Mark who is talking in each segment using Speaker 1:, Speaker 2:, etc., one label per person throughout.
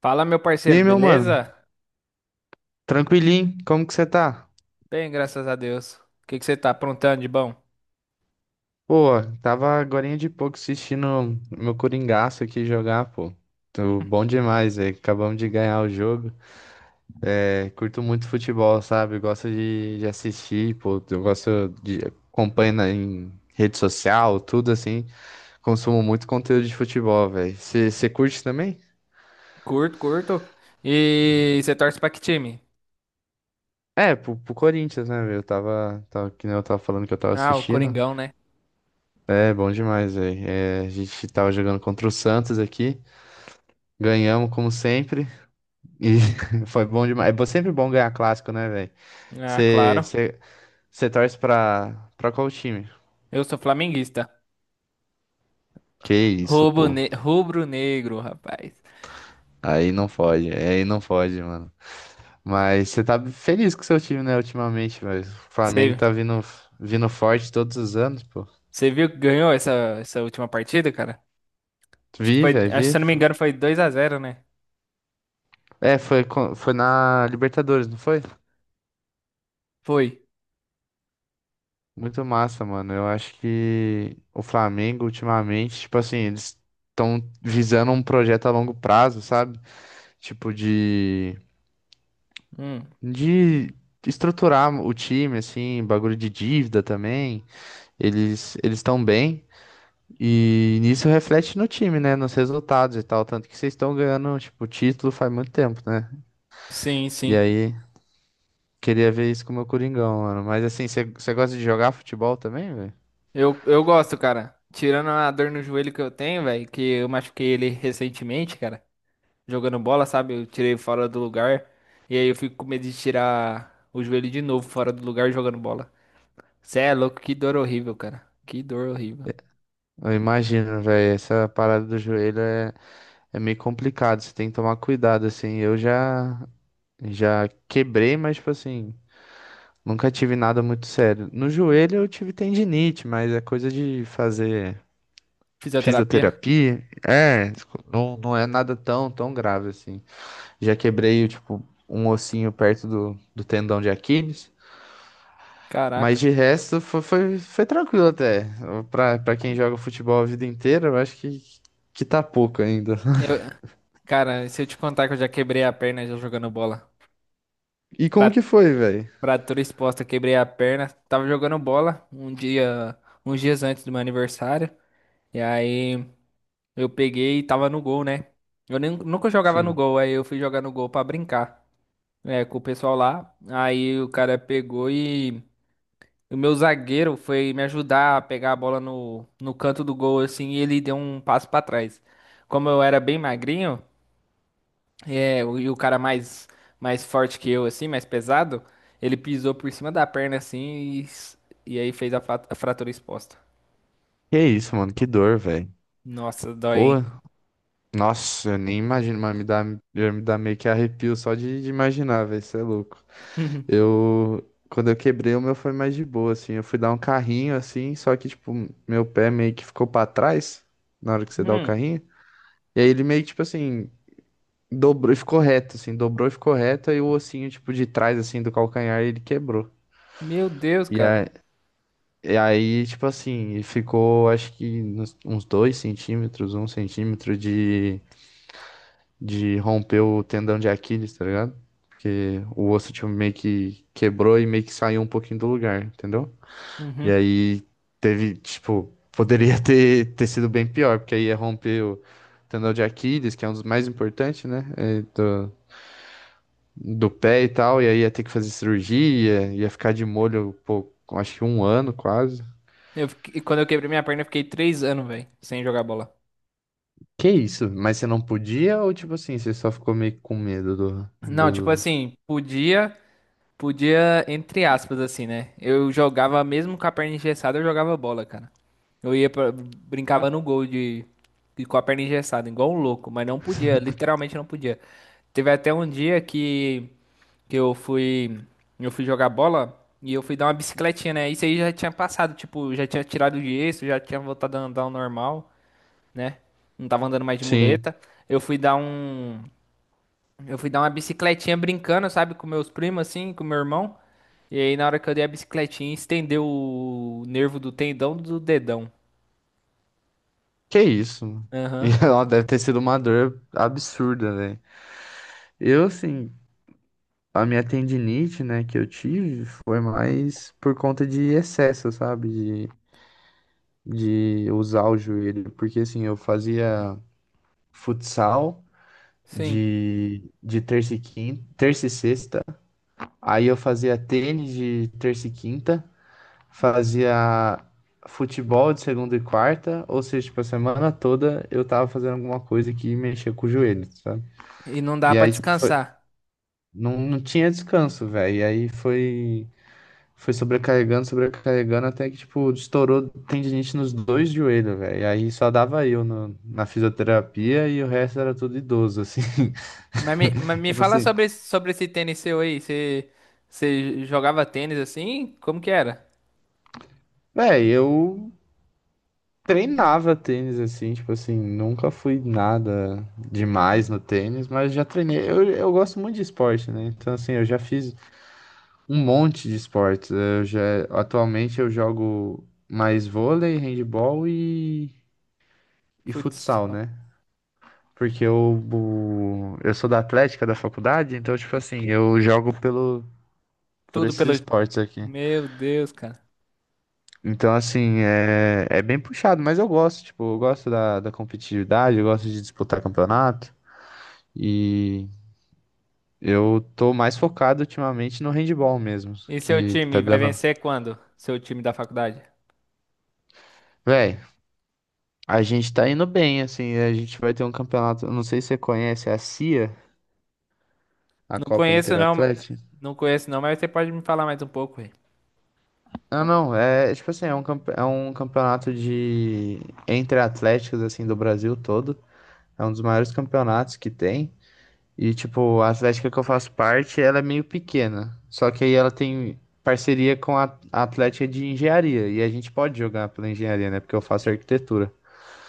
Speaker 1: Fala, meu
Speaker 2: E
Speaker 1: parceiro,
Speaker 2: aí, meu mano?
Speaker 1: beleza?
Speaker 2: Tranquilinho? Como que você tá?
Speaker 1: Bem, graças a Deus. O que que você tá aprontando de bom?
Speaker 2: Pô, tava agorinha de pouco assistindo meu Coringaço aqui jogar, pô. Tô bom demais, velho. Acabamos de ganhar o jogo. É, curto muito futebol, sabe? Gosto de assistir, pô. Eu gosto de acompanho em rede social, tudo assim. Consumo muito conteúdo de futebol, velho. Você curte também?
Speaker 1: Curto, curto. E você torce pra que time?
Speaker 2: É, pro Corinthians, né, velho? Eu tava, que nem eu tava falando que eu tava
Speaker 1: Ah, o
Speaker 2: assistindo.
Speaker 1: Coringão, né?
Speaker 2: É, bom demais, velho. É, a gente tava jogando contra o Santos aqui. Ganhamos como sempre e foi bom demais. É sempre bom ganhar clássico, né, velho?
Speaker 1: Ah,
Speaker 2: Você
Speaker 1: claro.
Speaker 2: torce pra qual time?
Speaker 1: Eu sou flamenguista.
Speaker 2: Que isso,
Speaker 1: Rubro,
Speaker 2: pô.
Speaker 1: ne- rubro negro, rapaz.
Speaker 2: Aí não pode, mano. Mas você tá feliz com o seu time, né, ultimamente, velho? O Flamengo
Speaker 1: Você
Speaker 2: tá vindo forte todos os anos, pô.
Speaker 1: você viu que ganhou essa última partida, cara? Acho que
Speaker 2: Vi,
Speaker 1: foi,
Speaker 2: velho,
Speaker 1: acho que,
Speaker 2: vi.
Speaker 1: se eu não me engano, foi 2-0, né?
Speaker 2: É, foi, foi na Libertadores, não foi?
Speaker 1: Foi.
Speaker 2: Muito massa, mano. Eu acho que o Flamengo, ultimamente, tipo assim, eles estão visando um projeto a longo prazo, sabe? Tipo de,
Speaker 1: Hum,
Speaker 2: de estruturar o time, assim, bagulho de dívida também. Eles estão bem e nisso reflete no time, né? Nos resultados e tal. Tanto que vocês estão ganhando, tipo, título faz muito tempo, né?
Speaker 1: sim,
Speaker 2: E
Speaker 1: sim.
Speaker 2: aí, queria ver isso com o meu Coringão, mano. Mas assim, você gosta de jogar futebol também, velho?
Speaker 1: Eu gosto, cara. Tirando a dor no joelho que eu tenho, velho, que eu machuquei ele recentemente, cara. Jogando bola, sabe? Eu tirei fora do lugar. E aí eu fico com medo de tirar o joelho de novo fora do lugar jogando bola. Cê é louco, que dor horrível, cara. Que dor horrível.
Speaker 2: Eu imagino, velho, essa parada do joelho é, é meio complicado, você tem que tomar cuidado, assim. Eu já quebrei, mas, tipo assim, nunca tive nada muito sério. No joelho eu tive tendinite, mas é coisa de fazer
Speaker 1: Fisioterapia?
Speaker 2: fisioterapia. É, tipo, não é nada tão grave assim. Já quebrei, tipo, um ossinho perto do tendão de Aquiles. Mas
Speaker 1: Caraca.
Speaker 2: de resto foi, foi, foi tranquilo até. Pra quem joga futebol a vida inteira, eu acho que tá pouco ainda.
Speaker 1: Eu, cara, se eu te contar que eu já quebrei a perna já jogando bola.
Speaker 2: E como
Speaker 1: Fra-
Speaker 2: que foi, velho?
Speaker 1: Fratura exposta, quebrei a perna. Tava jogando bola um dia, uns dias antes do meu aniversário. E aí eu peguei e tava no gol, né? Eu nunca jogava no
Speaker 2: Sim.
Speaker 1: gol, aí eu fui jogar no gol pra brincar. É, com o pessoal lá. Aí o cara pegou e o meu zagueiro foi me ajudar a pegar a bola no canto do gol, assim, e ele deu um passo pra trás. Como eu era bem magrinho, é, e o cara mais, mais forte que eu, assim, mais pesado, ele pisou por cima da perna, assim, e aí fez a fratura exposta.
Speaker 2: Que isso, mano, que dor, velho.
Speaker 1: Nossa, dói,
Speaker 2: Pô.
Speaker 1: hein?
Speaker 2: Nossa, eu nem imagino, mas me dá, já me dá meio que arrepio só de imaginar, velho, isso é louco.
Speaker 1: Uhum.
Speaker 2: Eu, quando eu quebrei, o meu foi mais de boa, assim, eu fui dar um carrinho, assim, só que, tipo, meu pé meio que ficou pra trás, na hora que você dá o
Speaker 1: Hum,
Speaker 2: carrinho, e aí ele meio que, tipo assim, dobrou e ficou reto, assim, dobrou e ficou reto, aí o ossinho, tipo, de trás, assim, do calcanhar, ele quebrou.
Speaker 1: Meu Deus,
Speaker 2: E
Speaker 1: cara.
Speaker 2: aí, e aí, tipo assim, ficou, acho que uns dois centímetros, um centímetro de romper o tendão de Aquiles, tá ligado? Porque o osso tipo, meio que quebrou e meio que saiu um pouquinho do lugar, entendeu? E
Speaker 1: Uhum.
Speaker 2: aí teve, tipo, poderia ter sido bem pior, porque aí ia romper o tendão de Aquiles, que é um dos mais importantes, né? É, do, do pé e tal, e aí ia ter que fazer cirurgia, ia ficar de molho, pô, acho que um ano quase.
Speaker 1: Quando eu quebrei minha perna, eu fiquei 3 anos, velho, sem jogar bola.
Speaker 2: Que isso? Mas você não podia ou tipo assim, você só ficou meio com medo do,
Speaker 1: Não, tipo
Speaker 2: do...
Speaker 1: assim, podia. Podia, entre aspas, assim, né? Eu jogava, mesmo com a perna engessada, eu jogava bola, cara. Eu ia pra, brincava no gol com a perna engessada, igual um louco, mas não podia, literalmente não podia. Teve até um dia que eu fui jogar bola e eu fui dar uma bicicletinha, né? Isso aí já tinha passado, tipo, já tinha tirado o gesso, já tinha voltado a andar ao normal, né? Não tava andando mais de
Speaker 2: Sim.
Speaker 1: muleta. Eu fui dar um eu fui dar uma bicicletinha brincando, sabe, com meus primos, assim, com meu irmão. E aí, na hora que eu dei a bicicletinha, estendeu o nervo do tendão do dedão.
Speaker 2: Que isso? E
Speaker 1: Aham,
Speaker 2: ela deve ter sido uma dor absurda, né? Eu, assim, a minha tendinite, né, que eu tive foi mais por conta de excesso, sabe? De usar o joelho. Porque, assim, eu fazia futsal
Speaker 1: sim.
Speaker 2: de terça e quinta, terça e sexta. Aí eu fazia tênis de terça e quinta. Fazia futebol de segunda e quarta. Ou seja, tipo, a semana toda eu tava fazendo alguma coisa que mexia com o joelho.
Speaker 1: E não dá
Speaker 2: E
Speaker 1: pra
Speaker 2: aí, tipo, foi...
Speaker 1: descansar.
Speaker 2: não tinha descanso, velho. E aí foi, foi sobrecarregando, sobrecarregando, até que, tipo, estourou tendinite nos dois joelhos, velho. E aí só dava eu na fisioterapia e o resto era tudo idoso, assim.
Speaker 1: Mas me, mas me
Speaker 2: Tipo
Speaker 1: fala
Speaker 2: assim,
Speaker 1: sobre, sobre esse tênis seu aí. Você, você jogava tênis assim? Como que era?
Speaker 2: velho, eu treinava tênis, assim, tipo assim, nunca fui nada demais no tênis, mas já treinei. Eu gosto muito de esporte, né? Então, assim, eu já fiz. Um monte de esportes. É, eu já, atualmente eu jogo mais vôlei, handebol e
Speaker 1: Putz,
Speaker 2: futsal, né? Porque eu sou da Atlética da faculdade, então, tipo assim, eu jogo pelo, por
Speaker 1: tudo
Speaker 2: esses
Speaker 1: pelo.
Speaker 2: esportes aqui.
Speaker 1: Meu Deus, cara.
Speaker 2: Então, assim, é, é bem puxado, mas eu gosto, tipo, eu gosto da competitividade, eu gosto de disputar campeonato. E eu tô mais focado ultimamente no handebol mesmo,
Speaker 1: E seu
Speaker 2: que tá
Speaker 1: time vai
Speaker 2: dando.
Speaker 1: vencer quando? Seu time da faculdade?
Speaker 2: Véi. A gente tá indo bem, assim, a gente vai ter um campeonato, não sei se você conhece é a CIA, a
Speaker 1: Não
Speaker 2: Copa
Speaker 1: conheço não, ma-
Speaker 2: Interatlética.
Speaker 1: não conheço não, mas você pode me falar mais um pouco aí.
Speaker 2: Não, é é tipo assim, é um, é um campeonato de entre atléticos, assim, do Brasil todo. É um dos maiores campeonatos que tem. E, tipo, a Atlética que eu faço parte, ela é meio pequena. Só que aí ela tem parceria com a Atlética de Engenharia. E a gente pode jogar pela engenharia, né? Porque eu faço arquitetura.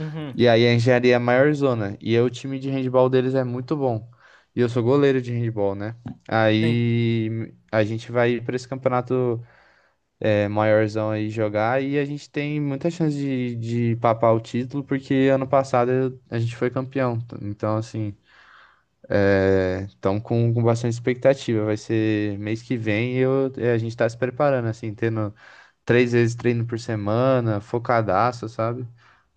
Speaker 1: Uhum,
Speaker 2: E aí a engenharia é a maior zona. E aí o time de handball deles é muito bom. E eu sou goleiro de handball, né?
Speaker 1: sim.
Speaker 2: Aí a gente vai pra esse campeonato é, maiorzão aí jogar e a gente tem muita chance de papar o título, porque ano passado a gente foi campeão. Então, assim, estamos com bastante expectativa. Vai ser mês que vem e eu, é, a gente está se preparando, assim, tendo três vezes treino por semana, focadaço, sabe?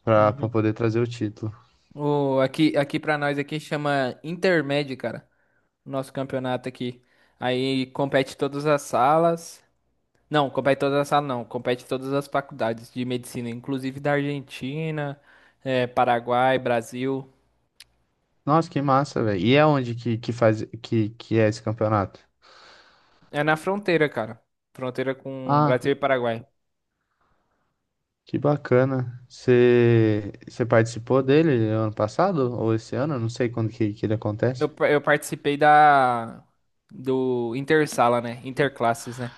Speaker 2: Para poder trazer o título.
Speaker 1: O, aqui para nós aqui chama Intermédio, cara. Nosso campeonato aqui. Aí compete todas as salas. Não, compete todas as salas não, compete todas as faculdades de medicina, inclusive da Argentina, Paraguai, Brasil.
Speaker 2: Nossa, que massa, velho. E é onde que faz que é esse campeonato?
Speaker 1: É na fronteira, cara. Fronteira com Brasil
Speaker 2: Ah,
Speaker 1: e Paraguai.
Speaker 2: que bacana. Você participou dele ano passado ou esse ano? Eu não sei quando que ele
Speaker 1: Eu,
Speaker 2: acontece.
Speaker 1: pa- eu participei da do Intersala, né? Interclasses, né?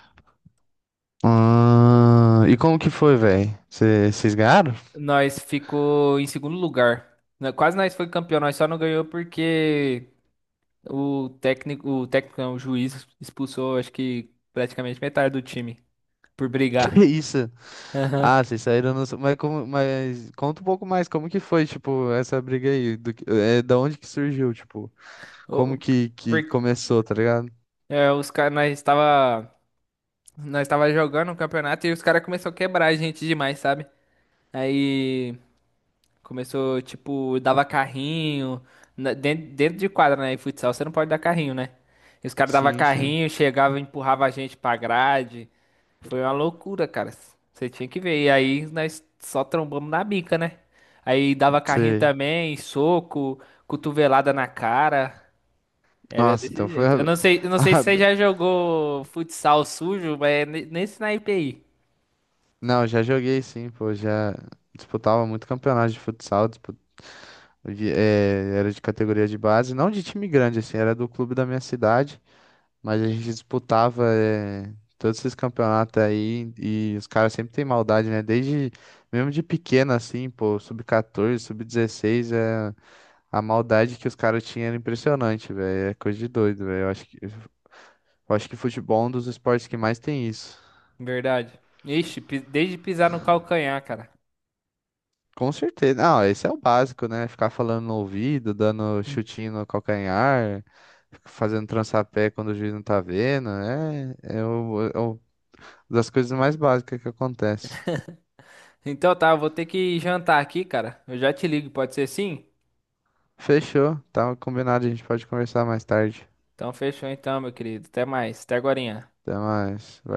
Speaker 2: Ah, e como que foi, velho? Vocês ganharam?
Speaker 1: Nós ficou em segundo lugar. Né, quase nós foi campeão, nós só não ganhou porque o técnico, o técnico, não, o juiz expulsou, acho que praticamente metade do time por
Speaker 2: Que
Speaker 1: brigar.
Speaker 2: isso?
Speaker 1: Aham.
Speaker 2: Ah, vocês saíram no... Mas, como, mas conta um pouco mais, como que foi, tipo, essa briga aí? É, da onde que surgiu, tipo, como
Speaker 1: O-
Speaker 2: que
Speaker 1: por-
Speaker 2: começou, tá ligado?
Speaker 1: os caras, nós estava jogando o campeonato e os caras começaram a quebrar a gente demais, sabe? Aí começou, tipo, dava carrinho, dentro de quadra, né? E futsal você não pode dar carrinho, né? E os caras dava
Speaker 2: Sim, sim.
Speaker 1: carrinho, chegava, e empurrava a gente pra grade. Foi uma loucura, cara. Você tinha que ver. E aí nós só trombamos na bica, né? Aí dava carrinho
Speaker 2: Sei.
Speaker 1: também, soco, cotovelada na cara. Era
Speaker 2: Nossa, então
Speaker 1: desse
Speaker 2: foi
Speaker 1: jeito.
Speaker 2: a,
Speaker 1: Eu não sei se você já jogou futsal sujo, mas é nesse naipe aí.
Speaker 2: não, já joguei sim, pô, já disputava muito campeonato de futsal, era de categoria de base, não de time grande, assim, era do clube da minha cidade, mas a gente disputava todos esses campeonatos aí e os caras sempre têm maldade, né? Desde, mesmo de pequeno, assim, pô, sub-14, sub-16, é, a maldade que os caras tinham era impressionante, velho, é coisa de doido, velho, eu acho que futebol é um dos esportes que mais tem isso.
Speaker 1: Verdade. Ixi, desde pisar no calcanhar, cara.
Speaker 2: Com certeza. Não, esse é o básico, né? Ficar falando no ouvido, dando chutinho no calcanhar, fazendo trançapé quando o juiz não tá vendo. É, é, o, das coisas mais básicas que acontece.
Speaker 1: Então tá, eu vou ter que jantar aqui, cara. Eu já te ligo, pode ser sim?
Speaker 2: Fechou. Tá combinado, a gente pode conversar mais tarde.
Speaker 1: Então fechou então, meu querido. Até mais. Até agorinha.
Speaker 2: Até mais. Valeu.